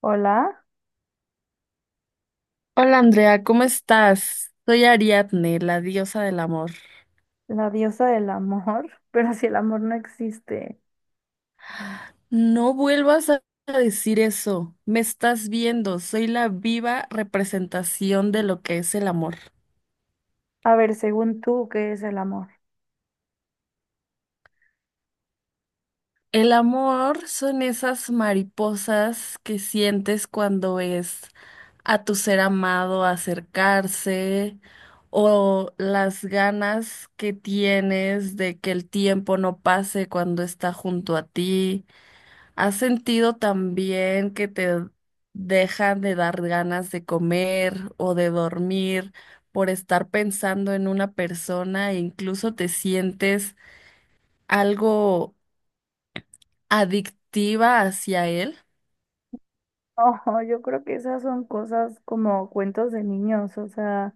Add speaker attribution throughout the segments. Speaker 1: Hola,
Speaker 2: Hola Andrea, ¿cómo estás? Soy Ariadne, la diosa del amor.
Speaker 1: la diosa del amor, pero si el amor no existe.
Speaker 2: No vuelvas a decir eso. Me estás viendo. Soy la viva representación de lo que es el amor.
Speaker 1: A ver, según tú, ¿qué es el amor?
Speaker 2: El amor son esas mariposas que sientes cuando ves a tu ser amado acercarse o las ganas que tienes de que el tiempo no pase cuando está junto a ti. ¿Has sentido también que te dejan de dar ganas de comer o de dormir por estar pensando en una persona e incluso te sientes algo adictiva hacia él?
Speaker 1: Oh, yo creo que esas son cosas como cuentos de niños, o sea,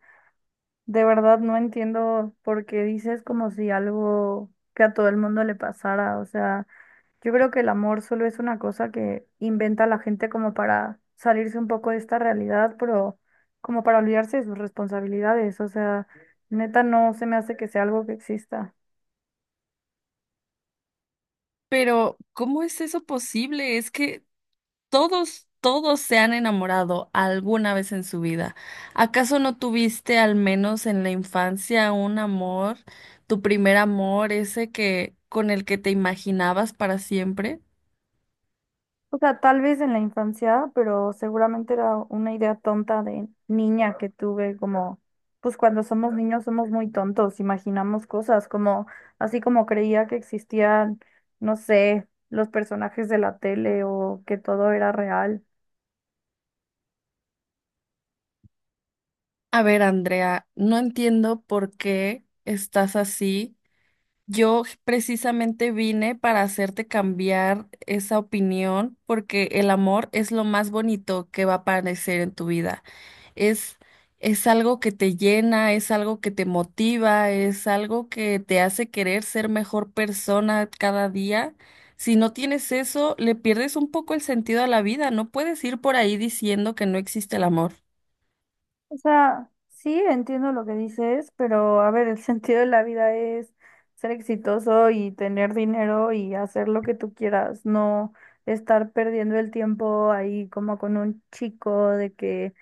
Speaker 1: de verdad no entiendo por qué dices como si algo que a todo el mundo le pasara, o sea, yo creo que el amor solo es una cosa que inventa la gente como para salirse un poco de esta realidad, pero como para olvidarse de sus responsabilidades, o sea, neta no se me hace que sea algo que exista.
Speaker 2: Pero, ¿cómo es eso posible? Es que todos se han enamorado alguna vez en su vida. ¿Acaso no tuviste al menos en la infancia un amor, tu primer amor, ese que con el que te imaginabas para siempre?
Speaker 1: O sea, tal vez en la infancia, pero seguramente era una idea tonta de niña que tuve, como, pues cuando somos niños somos muy tontos, imaginamos cosas, como, así como creía que existían, no sé, los personajes de la tele o que todo era real.
Speaker 2: A ver, Andrea, no entiendo por qué estás así. Yo precisamente vine para hacerte cambiar esa opinión porque el amor es lo más bonito que va a aparecer en tu vida. Es, es algo que te llena, es algo que te motiva, es algo que te hace querer ser mejor persona cada día. Si no tienes eso, le pierdes un poco el sentido a la vida. No puedes ir por ahí diciendo que no existe el amor.
Speaker 1: O sea, sí entiendo lo que dices, pero a ver, el sentido de la vida es ser exitoso y tener dinero y hacer lo que tú quieras, no estar perdiendo el tiempo ahí como con un chico de que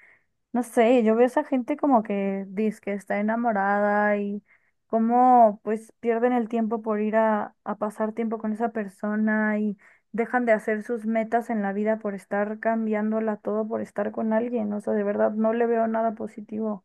Speaker 1: no sé, yo veo esa gente como que dice que está enamorada y cómo pues pierden el tiempo por ir a pasar tiempo con esa persona y dejan de hacer sus metas en la vida por estar cambiándola todo por estar con alguien. O sea, de verdad no le veo nada positivo.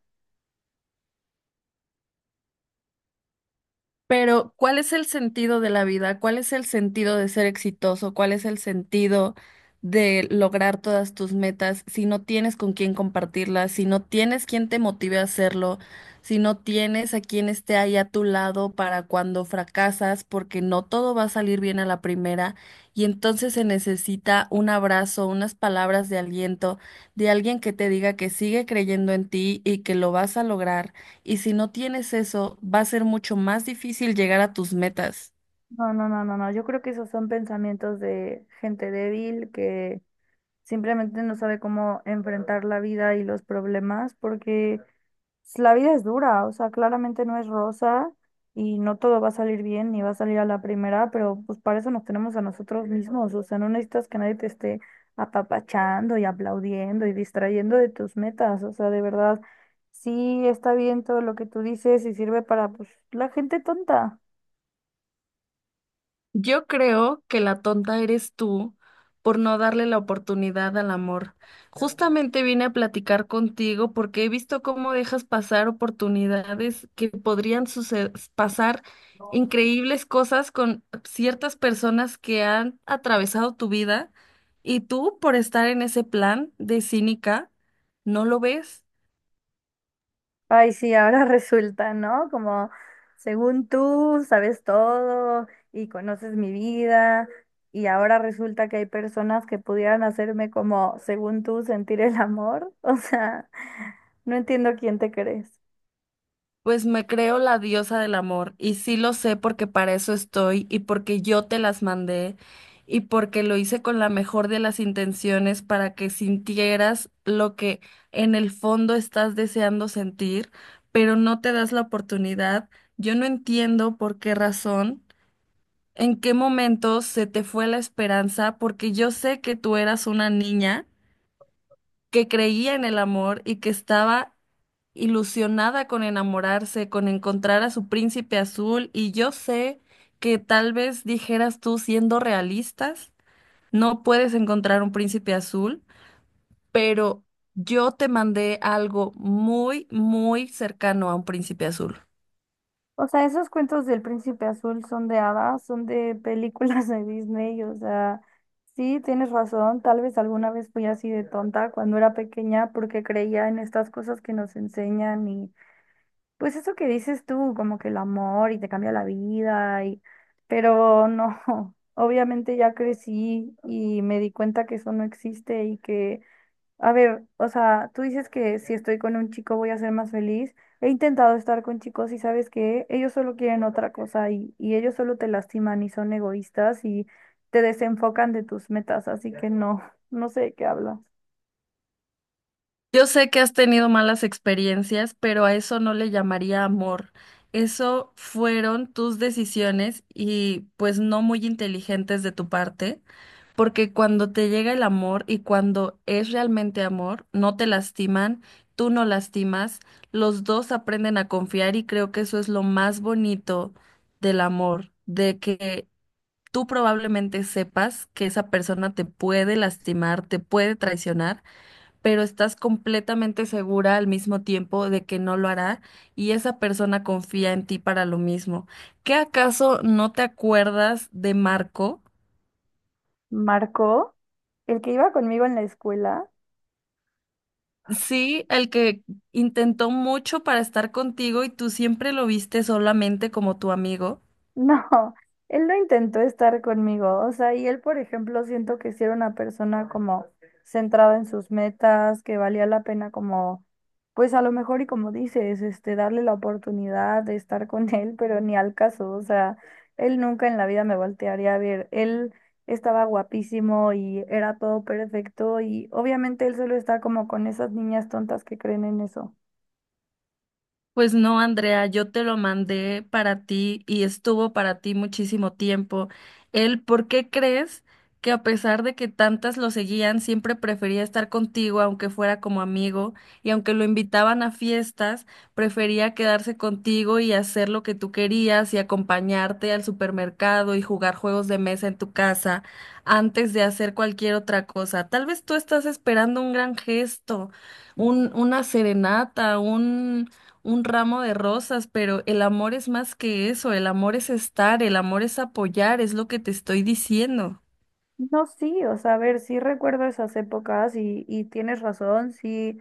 Speaker 2: Pero, ¿cuál es el sentido de la vida? ¿Cuál es el sentido de ser exitoso? ¿Cuál es el sentido de lograr todas tus metas si no tienes con quién compartirlas, si no tienes quien te motive a hacerlo, si no tienes a quien esté ahí a tu lado para cuando fracasas, porque no todo va a salir bien a la primera y entonces se necesita un abrazo, unas palabras de aliento de alguien que te diga que sigue creyendo en ti y que lo vas a lograr? Y si no tienes eso, va a ser mucho más difícil llegar a tus metas.
Speaker 1: No, no, no, no, no, yo creo que esos son pensamientos de gente débil que simplemente no sabe cómo enfrentar la vida y los problemas porque pues, la vida es dura, o sea, claramente no es rosa y no todo va a salir bien ni va a salir a la primera, pero pues para eso nos tenemos a nosotros mismos, o sea, no necesitas que nadie te esté apapachando y aplaudiendo y distrayendo de tus metas, o sea, de verdad, sí está bien todo lo que tú dices y sirve para pues la gente tonta.
Speaker 2: Yo creo que la tonta eres tú por no darle la oportunidad al amor. Justamente vine a platicar contigo porque he visto cómo dejas pasar oportunidades que podrían pasar increíbles cosas con ciertas personas que han atravesado tu vida y tú por estar en ese plan de cínica, no lo ves.
Speaker 1: Ay, sí, ahora resulta, ¿no? Como según tú sabes todo y conoces mi vida, y ahora resulta que hay personas que pudieran hacerme como, según tú, sentir el amor. O sea, no entiendo quién te crees.
Speaker 2: Pues me creo la diosa del amor y sí lo sé porque para eso estoy y porque yo te las mandé y porque lo hice con la mejor de las intenciones para que sintieras lo que en el fondo estás deseando sentir, pero no te das la oportunidad. Yo no entiendo por qué razón, en qué momento se te fue la esperanza, porque yo sé que tú eras una niña que creía en el amor y que estaba ilusionada con enamorarse, con encontrar a su príncipe azul, y yo sé que tal vez dijeras tú, siendo realistas, no puedes encontrar un príncipe azul, pero yo te mandé algo muy, muy cercano a un príncipe azul.
Speaker 1: O sea, esos cuentos del Príncipe Azul son de hadas, son de películas de Disney. O sea, sí, tienes razón. Tal vez alguna vez fui así de tonta cuando era pequeña porque creía en estas cosas que nos enseñan. Pues eso que dices tú, como que el amor y te cambia la vida, y pero no, obviamente ya crecí y me di cuenta que eso no existe y que, a ver, o sea, tú dices que si estoy con un chico voy a ser más feliz. He intentado estar con chicos y sabes que ellos solo quieren otra cosa y ellos solo te lastiman y son egoístas y te desenfocan de tus metas, así que no, no sé de qué hablas.
Speaker 2: Yo sé que has tenido malas experiencias, pero a eso no le llamaría amor. Eso fueron tus decisiones y pues no muy inteligentes de tu parte. Porque cuando te llega el amor y cuando es realmente amor, no te lastiman, tú no lastimas, los dos aprenden a confiar y creo que eso es lo más bonito del amor, de que tú probablemente sepas que esa persona te puede lastimar, te puede traicionar, pero estás completamente segura al mismo tiempo de que no lo hará y esa persona confía en ti para lo mismo. ¿Qué acaso no te acuerdas de Marco?
Speaker 1: Marco, el que iba conmigo en la escuela.
Speaker 2: Sí, el que intentó mucho para estar contigo y tú siempre lo viste solamente como tu amigo.
Speaker 1: No, él no intentó estar conmigo, o sea, y él, por ejemplo, siento que sí era una persona como centrada en sus metas, que valía la pena, como, pues a lo mejor y como dices, darle la oportunidad de estar con él, pero ni al caso, o sea, él nunca en la vida me voltearía a ver, él estaba guapísimo y era todo perfecto y obviamente él solo está como con esas niñas tontas que creen en eso.
Speaker 2: Pues no, Andrea, yo te lo mandé para ti y estuvo para ti muchísimo tiempo. Él, ¿por qué crees que a pesar de que tantas lo seguían, siempre prefería estar contigo, aunque fuera como amigo, y aunque lo invitaban a fiestas, prefería quedarse contigo y hacer lo que tú querías y acompañarte al supermercado y jugar juegos de mesa en tu casa antes de hacer cualquier otra cosa? Tal vez tú estás esperando un gran gesto, una serenata, un ramo de rosas, pero el amor es más que eso, el amor es estar, el amor es apoyar, es lo que te estoy diciendo.
Speaker 1: No, sí, o sea, a ver, sí recuerdo esas épocas y tienes razón, sí.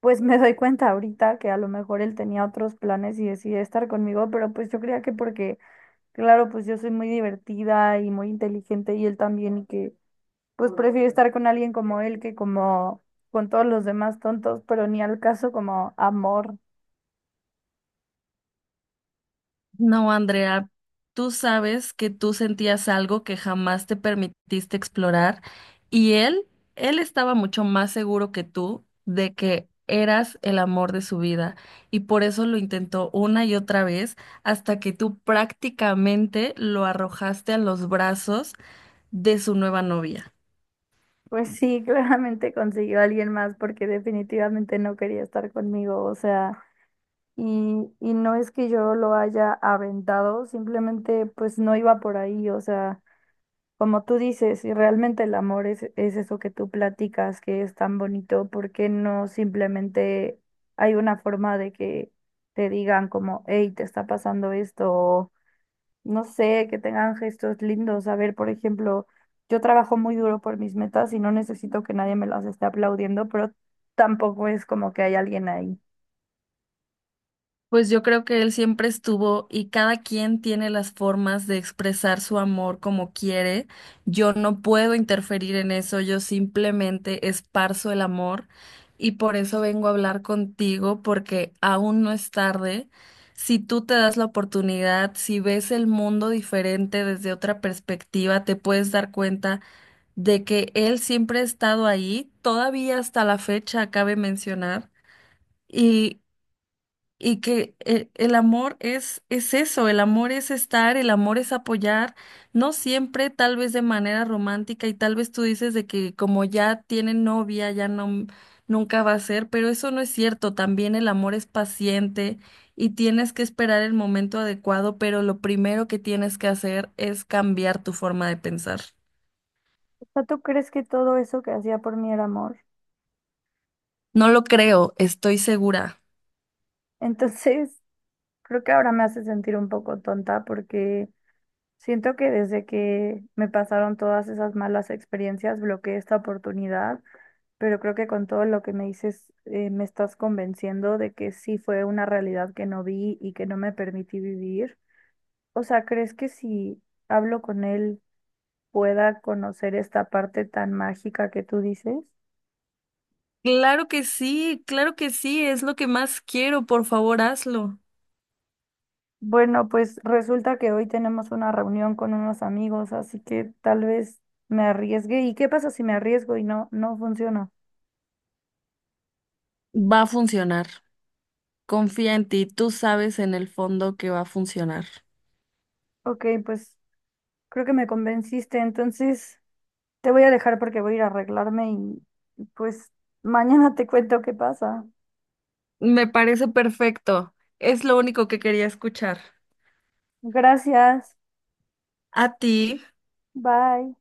Speaker 1: Pues me doy cuenta ahorita que a lo mejor él tenía otros planes y decidió estar conmigo, pero pues yo creía que porque, claro, pues yo soy muy divertida y muy inteligente y él también, y que pues prefiero estar con alguien como él que como con todos los demás tontos, pero ni al caso como amor.
Speaker 2: No, Andrea, tú sabes que tú sentías algo que jamás te permitiste explorar y él estaba mucho más seguro que tú de que eras el amor de su vida y por eso lo intentó una y otra vez hasta que tú prácticamente lo arrojaste a los brazos de su nueva novia.
Speaker 1: Pues sí, claramente consiguió a alguien más porque definitivamente no quería estar conmigo, o sea, y no es que yo lo haya aventado, simplemente pues no iba por ahí, o sea. Como tú dices, si realmente el amor es eso que tú platicas, que es tan bonito, ¿por qué no simplemente hay una forma de que te digan como, hey, te está pasando esto, o no sé, que tengan gestos lindos? A ver, por ejemplo, yo trabajo muy duro por mis metas y no necesito que nadie me las esté aplaudiendo, pero tampoco es como que hay alguien ahí.
Speaker 2: Pues yo creo que él siempre estuvo y cada quien tiene las formas de expresar su amor como quiere. Yo no puedo interferir en eso, yo simplemente esparzo el amor y por eso vengo a hablar contigo porque aún no es tarde. Si tú te das la oportunidad, si ves el mundo diferente desde otra perspectiva, te puedes dar cuenta de que él siempre ha estado ahí, todavía hasta la fecha, cabe mencionar. Y y que El amor es eso, el amor es estar, el amor es apoyar, no siempre, tal vez de manera romántica y tal vez tú dices de que como ya tienen novia, ya no, nunca va a ser, pero eso no es cierto, también el amor es paciente y tienes que esperar el momento adecuado, pero lo primero que tienes que hacer es cambiar tu forma de pensar.
Speaker 1: O sea, ¿tú crees que todo eso que hacía por mí era amor?
Speaker 2: No lo creo, estoy segura.
Speaker 1: Entonces, creo que ahora me hace sentir un poco tonta porque siento que desde que me pasaron todas esas malas experiencias, bloqueé esta oportunidad, pero creo que con todo lo que me dices, me estás convenciendo de que sí fue una realidad que no vi y que no me permití vivir. O sea, ¿crees que si hablo con él pueda conocer esta parte tan mágica que tú dices?
Speaker 2: Claro que sí, es lo que más quiero, por favor, hazlo.
Speaker 1: Bueno, pues resulta que hoy tenemos una reunión con unos amigos, así que tal vez me arriesgue. ¿Y qué pasa si me arriesgo y no, no funciona?
Speaker 2: Va a funcionar. Confía en ti, tú sabes en el fondo que va a funcionar.
Speaker 1: Ok, pues creo que me convenciste, entonces te voy a dejar porque voy a ir a arreglarme y pues mañana te cuento qué pasa.
Speaker 2: Me parece perfecto. Es lo único que quería escuchar.
Speaker 1: Gracias,
Speaker 2: A ti.
Speaker 1: bye.